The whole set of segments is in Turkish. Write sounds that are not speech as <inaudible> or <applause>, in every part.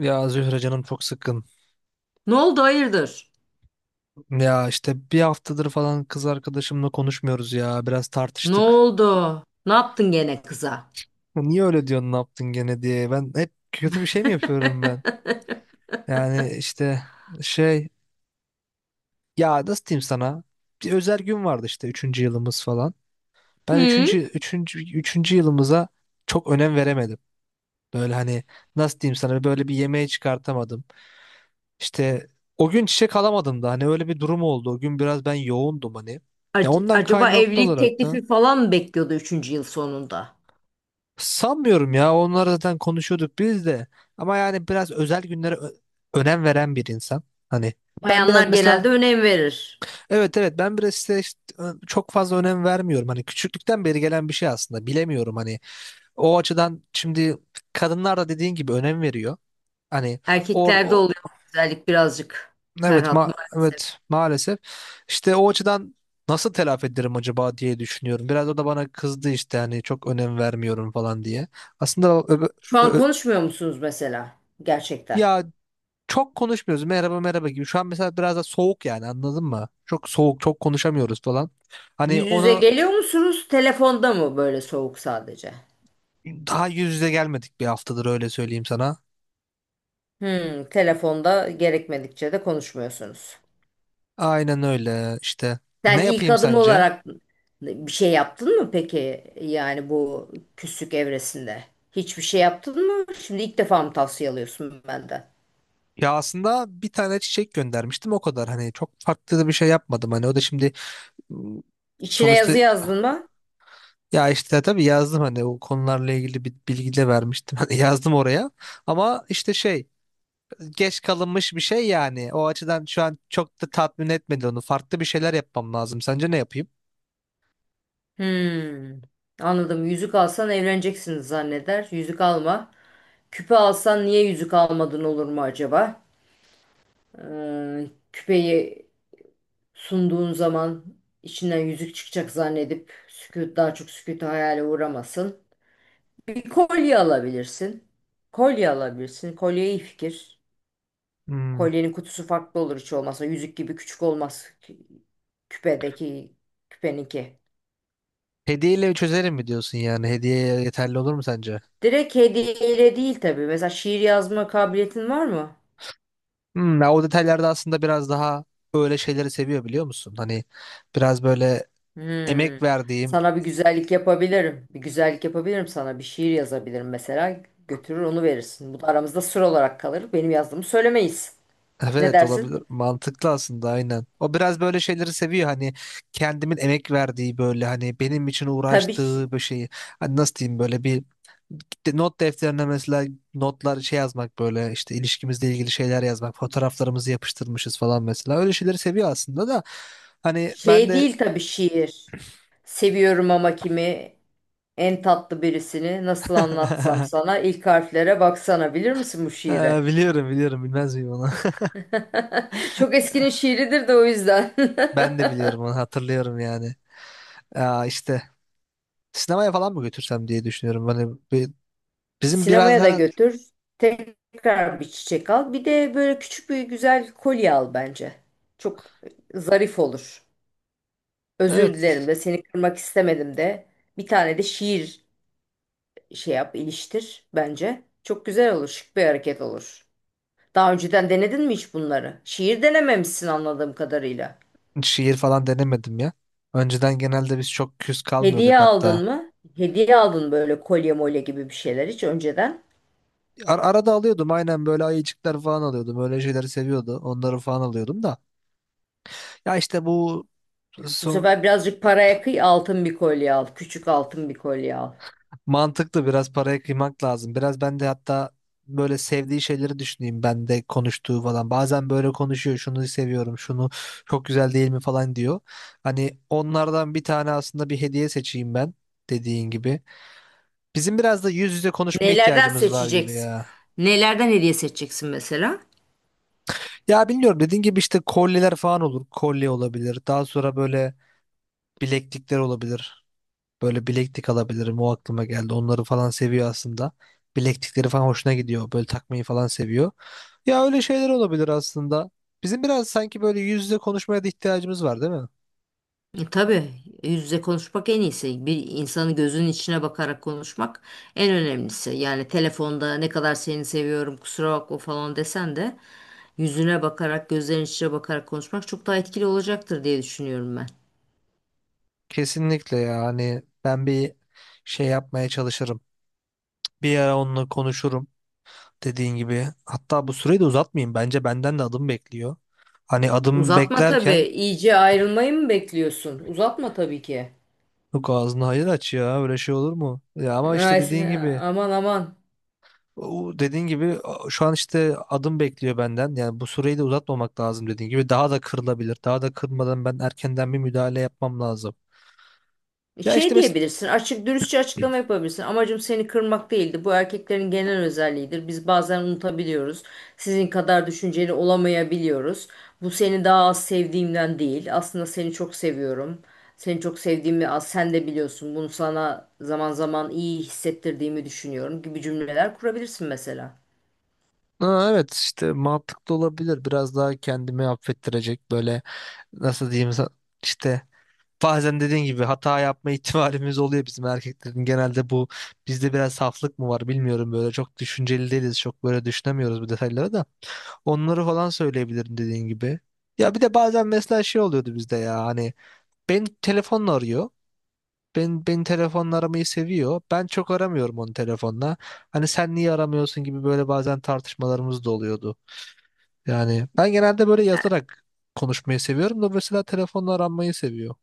Ya Zühre canım çok sıkkın. Ne oldu hayırdır? Ya işte bir haftadır falan kız arkadaşımla konuşmuyoruz ya. Biraz Ne tartıştık. oldu? Ne yaptın gene kıza? Ya niye öyle diyorsun ne yaptın gene diye. Ben hep kötü bir şey mi yapıyorum <laughs> ben? Yani işte şey, ya nasıl diyeyim sana? Bir özel gün vardı işte üçüncü yılımız falan. Ben Hı? üçüncü yılımıza çok önem veremedim. Böyle hani nasıl diyeyim sana, böyle bir yemeğe çıkartamadım. İşte o gün çiçek alamadım da, hani öyle bir durum oldu. O gün biraz ben yoğundum hani. Ya ondan Acaba kaynaklı evlilik olarak da teklifi falan mı bekliyordu üçüncü yıl sonunda? sanmıyorum ya. Onları zaten konuşuyorduk biz de. Ama yani biraz özel günlere önem veren bir insan. Hani ben biraz Bayanlar mesela genelde önem verir. evet evet, ben biraz işte çok fazla önem vermiyorum. Hani küçüklükten beri gelen bir şey aslında. Bilemiyorum hani, o açıdan şimdi kadınlar da dediğin gibi önem veriyor. Hani or Erkeklerde o- oluyor bu güzellik birazcık evet Ferhat maalesef. evet maalesef, işte o açıdan nasıl telafi ederim acaba diye düşünüyorum. Biraz o da bana kızdı işte, hani çok önem vermiyorum falan diye. Aslında ö- Şu an ö- konuşmuyor musunuz mesela? Gerçekten. Ya çok konuşmuyoruz. Merhaba merhaba gibi. Şu an mesela biraz da soğuk, yani anladın mı? Çok soğuk, çok konuşamıyoruz falan. Hani Yüz yüze onu geliyor musunuz? Telefonda mı böyle soğuk sadece? daha yüz yüze gelmedik bir haftadır, öyle söyleyeyim sana. Hmm, telefonda gerekmedikçe de konuşmuyorsunuz. Aynen öyle işte. Ne Sen ilk yapayım adım sence? olarak bir şey yaptın mı peki? Yani bu küslük evresinde. Hiçbir şey yaptın mı? Şimdi ilk defa mı tavsiye alıyorsun benden? Ya aslında bir tane çiçek göndermiştim, o kadar. Hani çok farklı da bir şey yapmadım. Hani o da şimdi ım, İçine sonuçta yazı yazdın mı? ya işte tabii yazdım, hani o konularla ilgili bir bilgi de vermiştim. <laughs> Hani yazdım oraya. Ama işte şey, geç kalınmış bir şey yani. O açıdan şu an çok da tatmin etmedi onu. Farklı bir şeyler yapmam lazım. Sence ne yapayım? Hmm. Anladım. Yüzük alsan evleneceksiniz zanneder. Yüzük alma. Küpe alsan niye yüzük almadın olur mu acaba? Küpeyi sunduğun zaman içinden yüzük çıkacak zannedip sükût daha çok sükûtu hayale uğramasın. Bir kolye alabilirsin. Kolye alabilirsin. Kolye iyi fikir. Hmm. Kolyenin kutusu farklı olur hiç olmazsa. Yüzük gibi küçük olmaz küpedeki küpeninki. Hediyeyle çözerim mi diyorsun yani? Hediye yeterli olur mu sence? Direkt hediyeyle değil tabii. Mesela şiir yazma kabiliyetin var mı? Hmm, ya o detaylarda aslında biraz daha öyle şeyleri seviyor, biliyor musun? Hani biraz böyle Hmm. emek verdiğim… Sana bir güzellik yapabilirim. Bir güzellik yapabilirim sana. Bir şiir yazabilirim mesela. Götürür onu verirsin. Bu da aramızda sır olarak kalır. Benim yazdığımı söylemeyiz. Ne Evet, dersin? olabilir. Mantıklı aslında, aynen. O biraz böyle şeyleri seviyor, hani kendimin emek verdiği, böyle hani benim için Tabii ş- uğraştığı bir şeyi. Hani nasıl diyeyim, böyle bir not defterine mesela notlar şey yazmak, böyle işte ilişkimizle ilgili şeyler yazmak, fotoğraflarımızı yapıştırmışız falan, mesela öyle şeyleri seviyor aslında da hani ben Şey de… değil tabii şiir. Seviyorum ama kimi en tatlı birisini nasıl anlatsam <laughs> sana ilk harflere baksana bilir misin bu şiiri? Biliyorum biliyorum, bilmez miyim onu. <laughs> Çok eskinin <laughs> şiiridir de o yüzden. <laughs> Ben de biliyorum onu, hatırlıyorum yani. Aa, işte sinemaya falan mı götürsem diye düşünüyorum hani, bizim biraz Sinemaya da her… götür. Tekrar bir çiçek al. Bir de böyle küçük bir güzel kolye al bence. Çok zarif olur. Özür Evet, dilerim de seni kırmak istemedim de. Bir tane de şiir şey yap, iliştir bence. Çok güzel olur, şık bir hareket olur. Daha önceden denedin mi hiç bunları? Şiir denememişsin anladığım kadarıyla. şiir falan denemedim ya. Önceden genelde biz çok küs Hediye kalmıyorduk hatta. aldın mı? Hediye aldın böyle kolye molye gibi bir şeyler hiç önceden. Arada alıyordum, aynen böyle ayıcıklar falan alıyordum. Öyle şeyleri seviyordu. Onları falan alıyordum da. Ya işte bu Bu son, sefer birazcık paraya kıy altın bir kolye al. Küçük altın bir kolye al. mantıklı biraz paraya kıymak lazım. Biraz ben de hatta böyle sevdiği şeyleri düşüneyim, ben de konuştuğu falan. Bazen böyle konuşuyor, şunu seviyorum şunu, çok güzel değil mi falan diyor. Hani onlardan bir tane aslında bir hediye seçeyim ben, dediğin gibi. Bizim biraz da yüz yüze konuşma Nelerden ihtiyacımız var gibi seçeceksin? ya. Nelerden hediye seçeceksin mesela? Ya bilmiyorum, dediğin gibi işte kolyeler falan olur. Kolye olabilir. Daha sonra böyle bileklikler olabilir. Böyle bileklik alabilirim. O aklıma geldi. Onları falan seviyor aslında. Bileklikleri falan hoşuna gidiyor. Böyle takmayı falan seviyor. Ya öyle şeyler olabilir aslında. Bizim biraz sanki böyle yüz yüze konuşmaya da ihtiyacımız var değil mi? Tabii yüz yüze konuşmak en iyisi. Bir insanın gözünün içine bakarak konuşmak en önemlisi. Yani telefonda ne kadar seni seviyorum kusura bakma falan desen de yüzüne bakarak gözlerinin içine bakarak konuşmak çok daha etkili olacaktır diye düşünüyorum ben. Kesinlikle ya. Hani ben bir şey yapmaya çalışırım. Bir ara onunla konuşurum dediğin gibi. Hatta bu süreyi de uzatmayayım. Bence benden de adım bekliyor. Hani adım Uzatma tabii. beklerken… İyice ayrılmayı mı bekliyorsun? Uzatma tabii ki. Yok ağzını hayır aç ya, öyle şey olur mu? Ya ama işte Ay, dediğin gibi, aman aman. Dediğin gibi şu an işte adım bekliyor benden. Yani bu süreyi de uzatmamak lazım dediğin gibi. Daha da kırılabilir. Daha da kırmadan ben erkenden bir müdahale yapmam lazım. Ya işte Şey mesela… diyebilirsin, açık dürüstçe açıklama yapabilirsin. Amacım seni kırmak değildi. Bu erkeklerin genel özelliğidir. Biz bazen unutabiliyoruz. Sizin kadar düşünceli olamayabiliyoruz. Bu seni daha az sevdiğimden değil. Aslında seni çok seviyorum. Seni çok sevdiğimi az sen de biliyorsun. Bunu sana zaman zaman iyi hissettirdiğimi düşünüyorum gibi cümleler kurabilirsin mesela. Ha, evet işte mantıklı olabilir. Biraz daha kendimi affettirecek, böyle nasıl diyeyim işte, bazen dediğin gibi hata yapma <laughs> ihtimalimiz oluyor bizim erkeklerin. Genelde bu, bizde biraz saflık mı var bilmiyorum, böyle çok düşünceli değiliz. Çok böyle düşünemiyoruz bu detayları da. Onları falan söyleyebilirim dediğin gibi. Ya bir de bazen mesela şey oluyordu bizde ya hani, ben telefonla arıyor. Ben telefonla aramayı seviyor. Ben çok aramıyorum onu telefonla. Hani sen niye aramıyorsun gibi, böyle bazen tartışmalarımız da oluyordu. Yani ben genelde böyle yazarak konuşmayı seviyorum da, mesela telefonla aranmayı seviyor.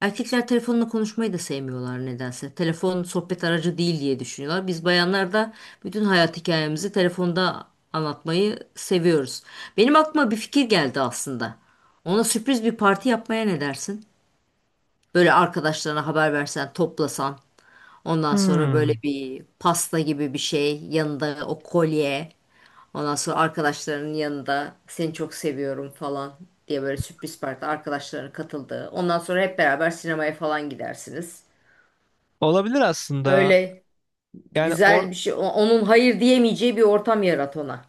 Erkekler telefonla konuşmayı da sevmiyorlar nedense. Telefon sohbet aracı değil diye düşünüyorlar. Biz bayanlar da bütün hayat hikayemizi telefonda anlatmayı seviyoruz. Benim aklıma bir fikir geldi aslında. Ona sürpriz bir parti yapmaya ne dersin? Böyle arkadaşlarına haber versen, toplasan. Ondan sonra böyle Hmm. bir pasta gibi bir şey, yanında o kolye. Ondan sonra arkadaşlarının yanında seni çok seviyorum falan diye böyle sürpriz parti arkadaşlarının katıldığı. Ondan sonra hep beraber sinemaya falan gidersiniz. Olabilir aslında. Öyle Yani or güzel bir şey. Onun hayır diyemeyeceği bir ortam yarat ona.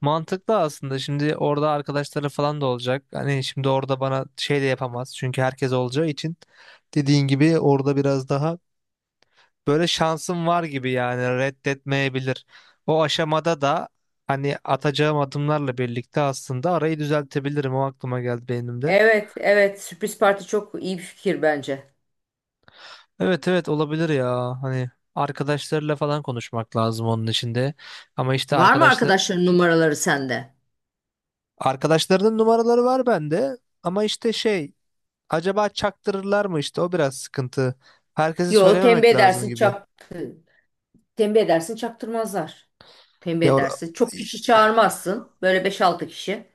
Mantıklı aslında. Şimdi orada arkadaşları falan da olacak. Hani şimdi orada bana şey de yapamaz. Çünkü herkes olacağı için dediğin gibi orada biraz daha böyle şansım var gibi, yani reddetmeyebilir. O aşamada da hani atacağım adımlarla birlikte aslında arayı düzeltebilirim. O aklıma geldi benim de. Evet, evet. Sürpriz parti çok iyi bir fikir bence. Evet evet, olabilir ya. Hani arkadaşlarıyla falan konuşmak lazım onun içinde. Ama işte Var mı arkadaşların numaraları sende? arkadaşlarının numaraları var bende. Ama işte şey, acaba çaktırırlar mı işte, o biraz sıkıntı. Herkese Yo, tembih söylememek lazım edersin gibi. çap. Tembih edersin çaktırmazlar. Tembih Ya or- edersin. Çok kişi çağırmazsın. Böyle beş altı kişi.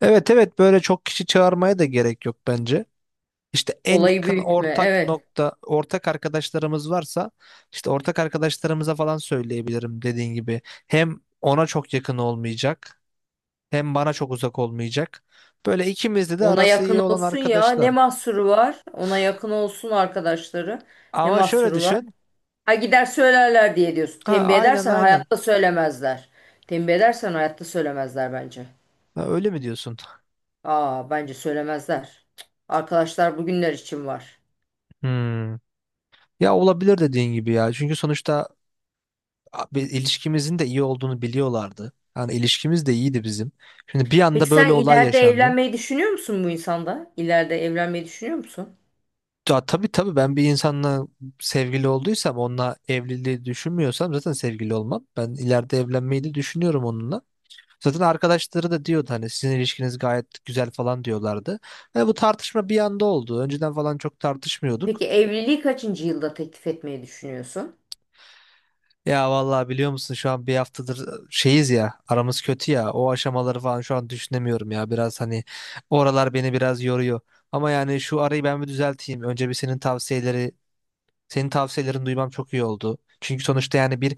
Evet evet, böyle çok kişi çağırmaya da gerek yok bence. İşte en Olayı yakın büyütme. Evet. Ortak arkadaşlarımız varsa işte ortak arkadaşlarımıza falan söyleyebilirim dediğin gibi. Hem ona çok yakın olmayacak, hem bana çok uzak olmayacak. Böyle ikimizde de Ona arası yakın iyi olan olsun ya. Ne arkadaşlar. mahsuru var? Ona yakın olsun arkadaşları. Ne Ama şöyle mahsuru var? düşün. Ha gider söylerler diye diyorsun. Ha Tembih aynen edersen aynen. hayatta söylemezler. Tembih edersen hayatta söylemezler bence. Ha, öyle mi diyorsun? Aa bence söylemezler. Arkadaşlar bugünler için var. Hmm. Ya olabilir dediğin gibi ya. Çünkü sonuçta bir ilişkimizin de iyi olduğunu biliyorlardı. Yani ilişkimiz de iyiydi bizim. Şimdi bir Peki anda böyle sen olay ileride yaşandı. evlenmeyi düşünüyor musun bu insanda? İleride evlenmeyi düşünüyor musun? Ya tabii tabii, ben bir insanla sevgili olduysam onunla evliliği düşünmüyorsam zaten sevgili olmam. Ben ileride evlenmeyi de düşünüyorum onunla. Zaten arkadaşları da diyordu hani sizin ilişkiniz gayet güzel falan diyorlardı. Ve bu tartışma bir anda oldu. Önceden falan çok tartışmıyorduk. Peki evliliği kaçıncı yılda teklif etmeyi düşünüyorsun? Ya vallahi biliyor musun, şu an bir haftadır şeyiz ya, aramız kötü ya, o aşamaları falan şu an düşünemiyorum ya, biraz hani oralar beni biraz yoruyor. Ama yani şu arayı ben bir düzelteyim. Önce bir senin tavsiyeleri Senin tavsiyelerini duymam çok iyi oldu. Çünkü sonuçta yani bir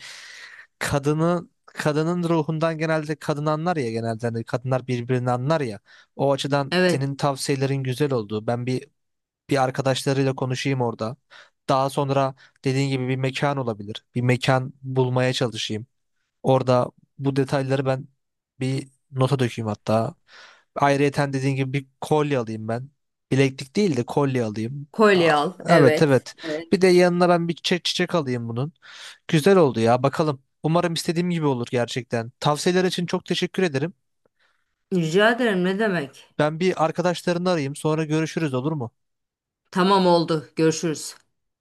kadının ruhundan genelde kadın anlar ya, genelde hani kadınlar birbirini anlar ya. O açıdan Evet. senin tavsiyelerin güzel oldu. Ben bir Bir arkadaşlarıyla konuşayım orada. Daha sonra dediğin gibi bir mekan olabilir. Bir mekan bulmaya çalışayım. Orada bu detayları ben bir nota dökeyim hatta. Ayrıyeten dediğin gibi bir kolye alayım ben. Bileklik değil de kolye alayım. Kolye Aa, al. evet Evet. evet. Bir Evet. de yanına ben bir çiçek alayım bunun. Güzel oldu ya, bakalım. Umarım istediğim gibi olur gerçekten. Tavsiyeler için çok teşekkür ederim. Rica ederim ne demek? Ben bir arkadaşlarını arayayım, sonra görüşürüz olur mu? Tamam oldu. Görüşürüz.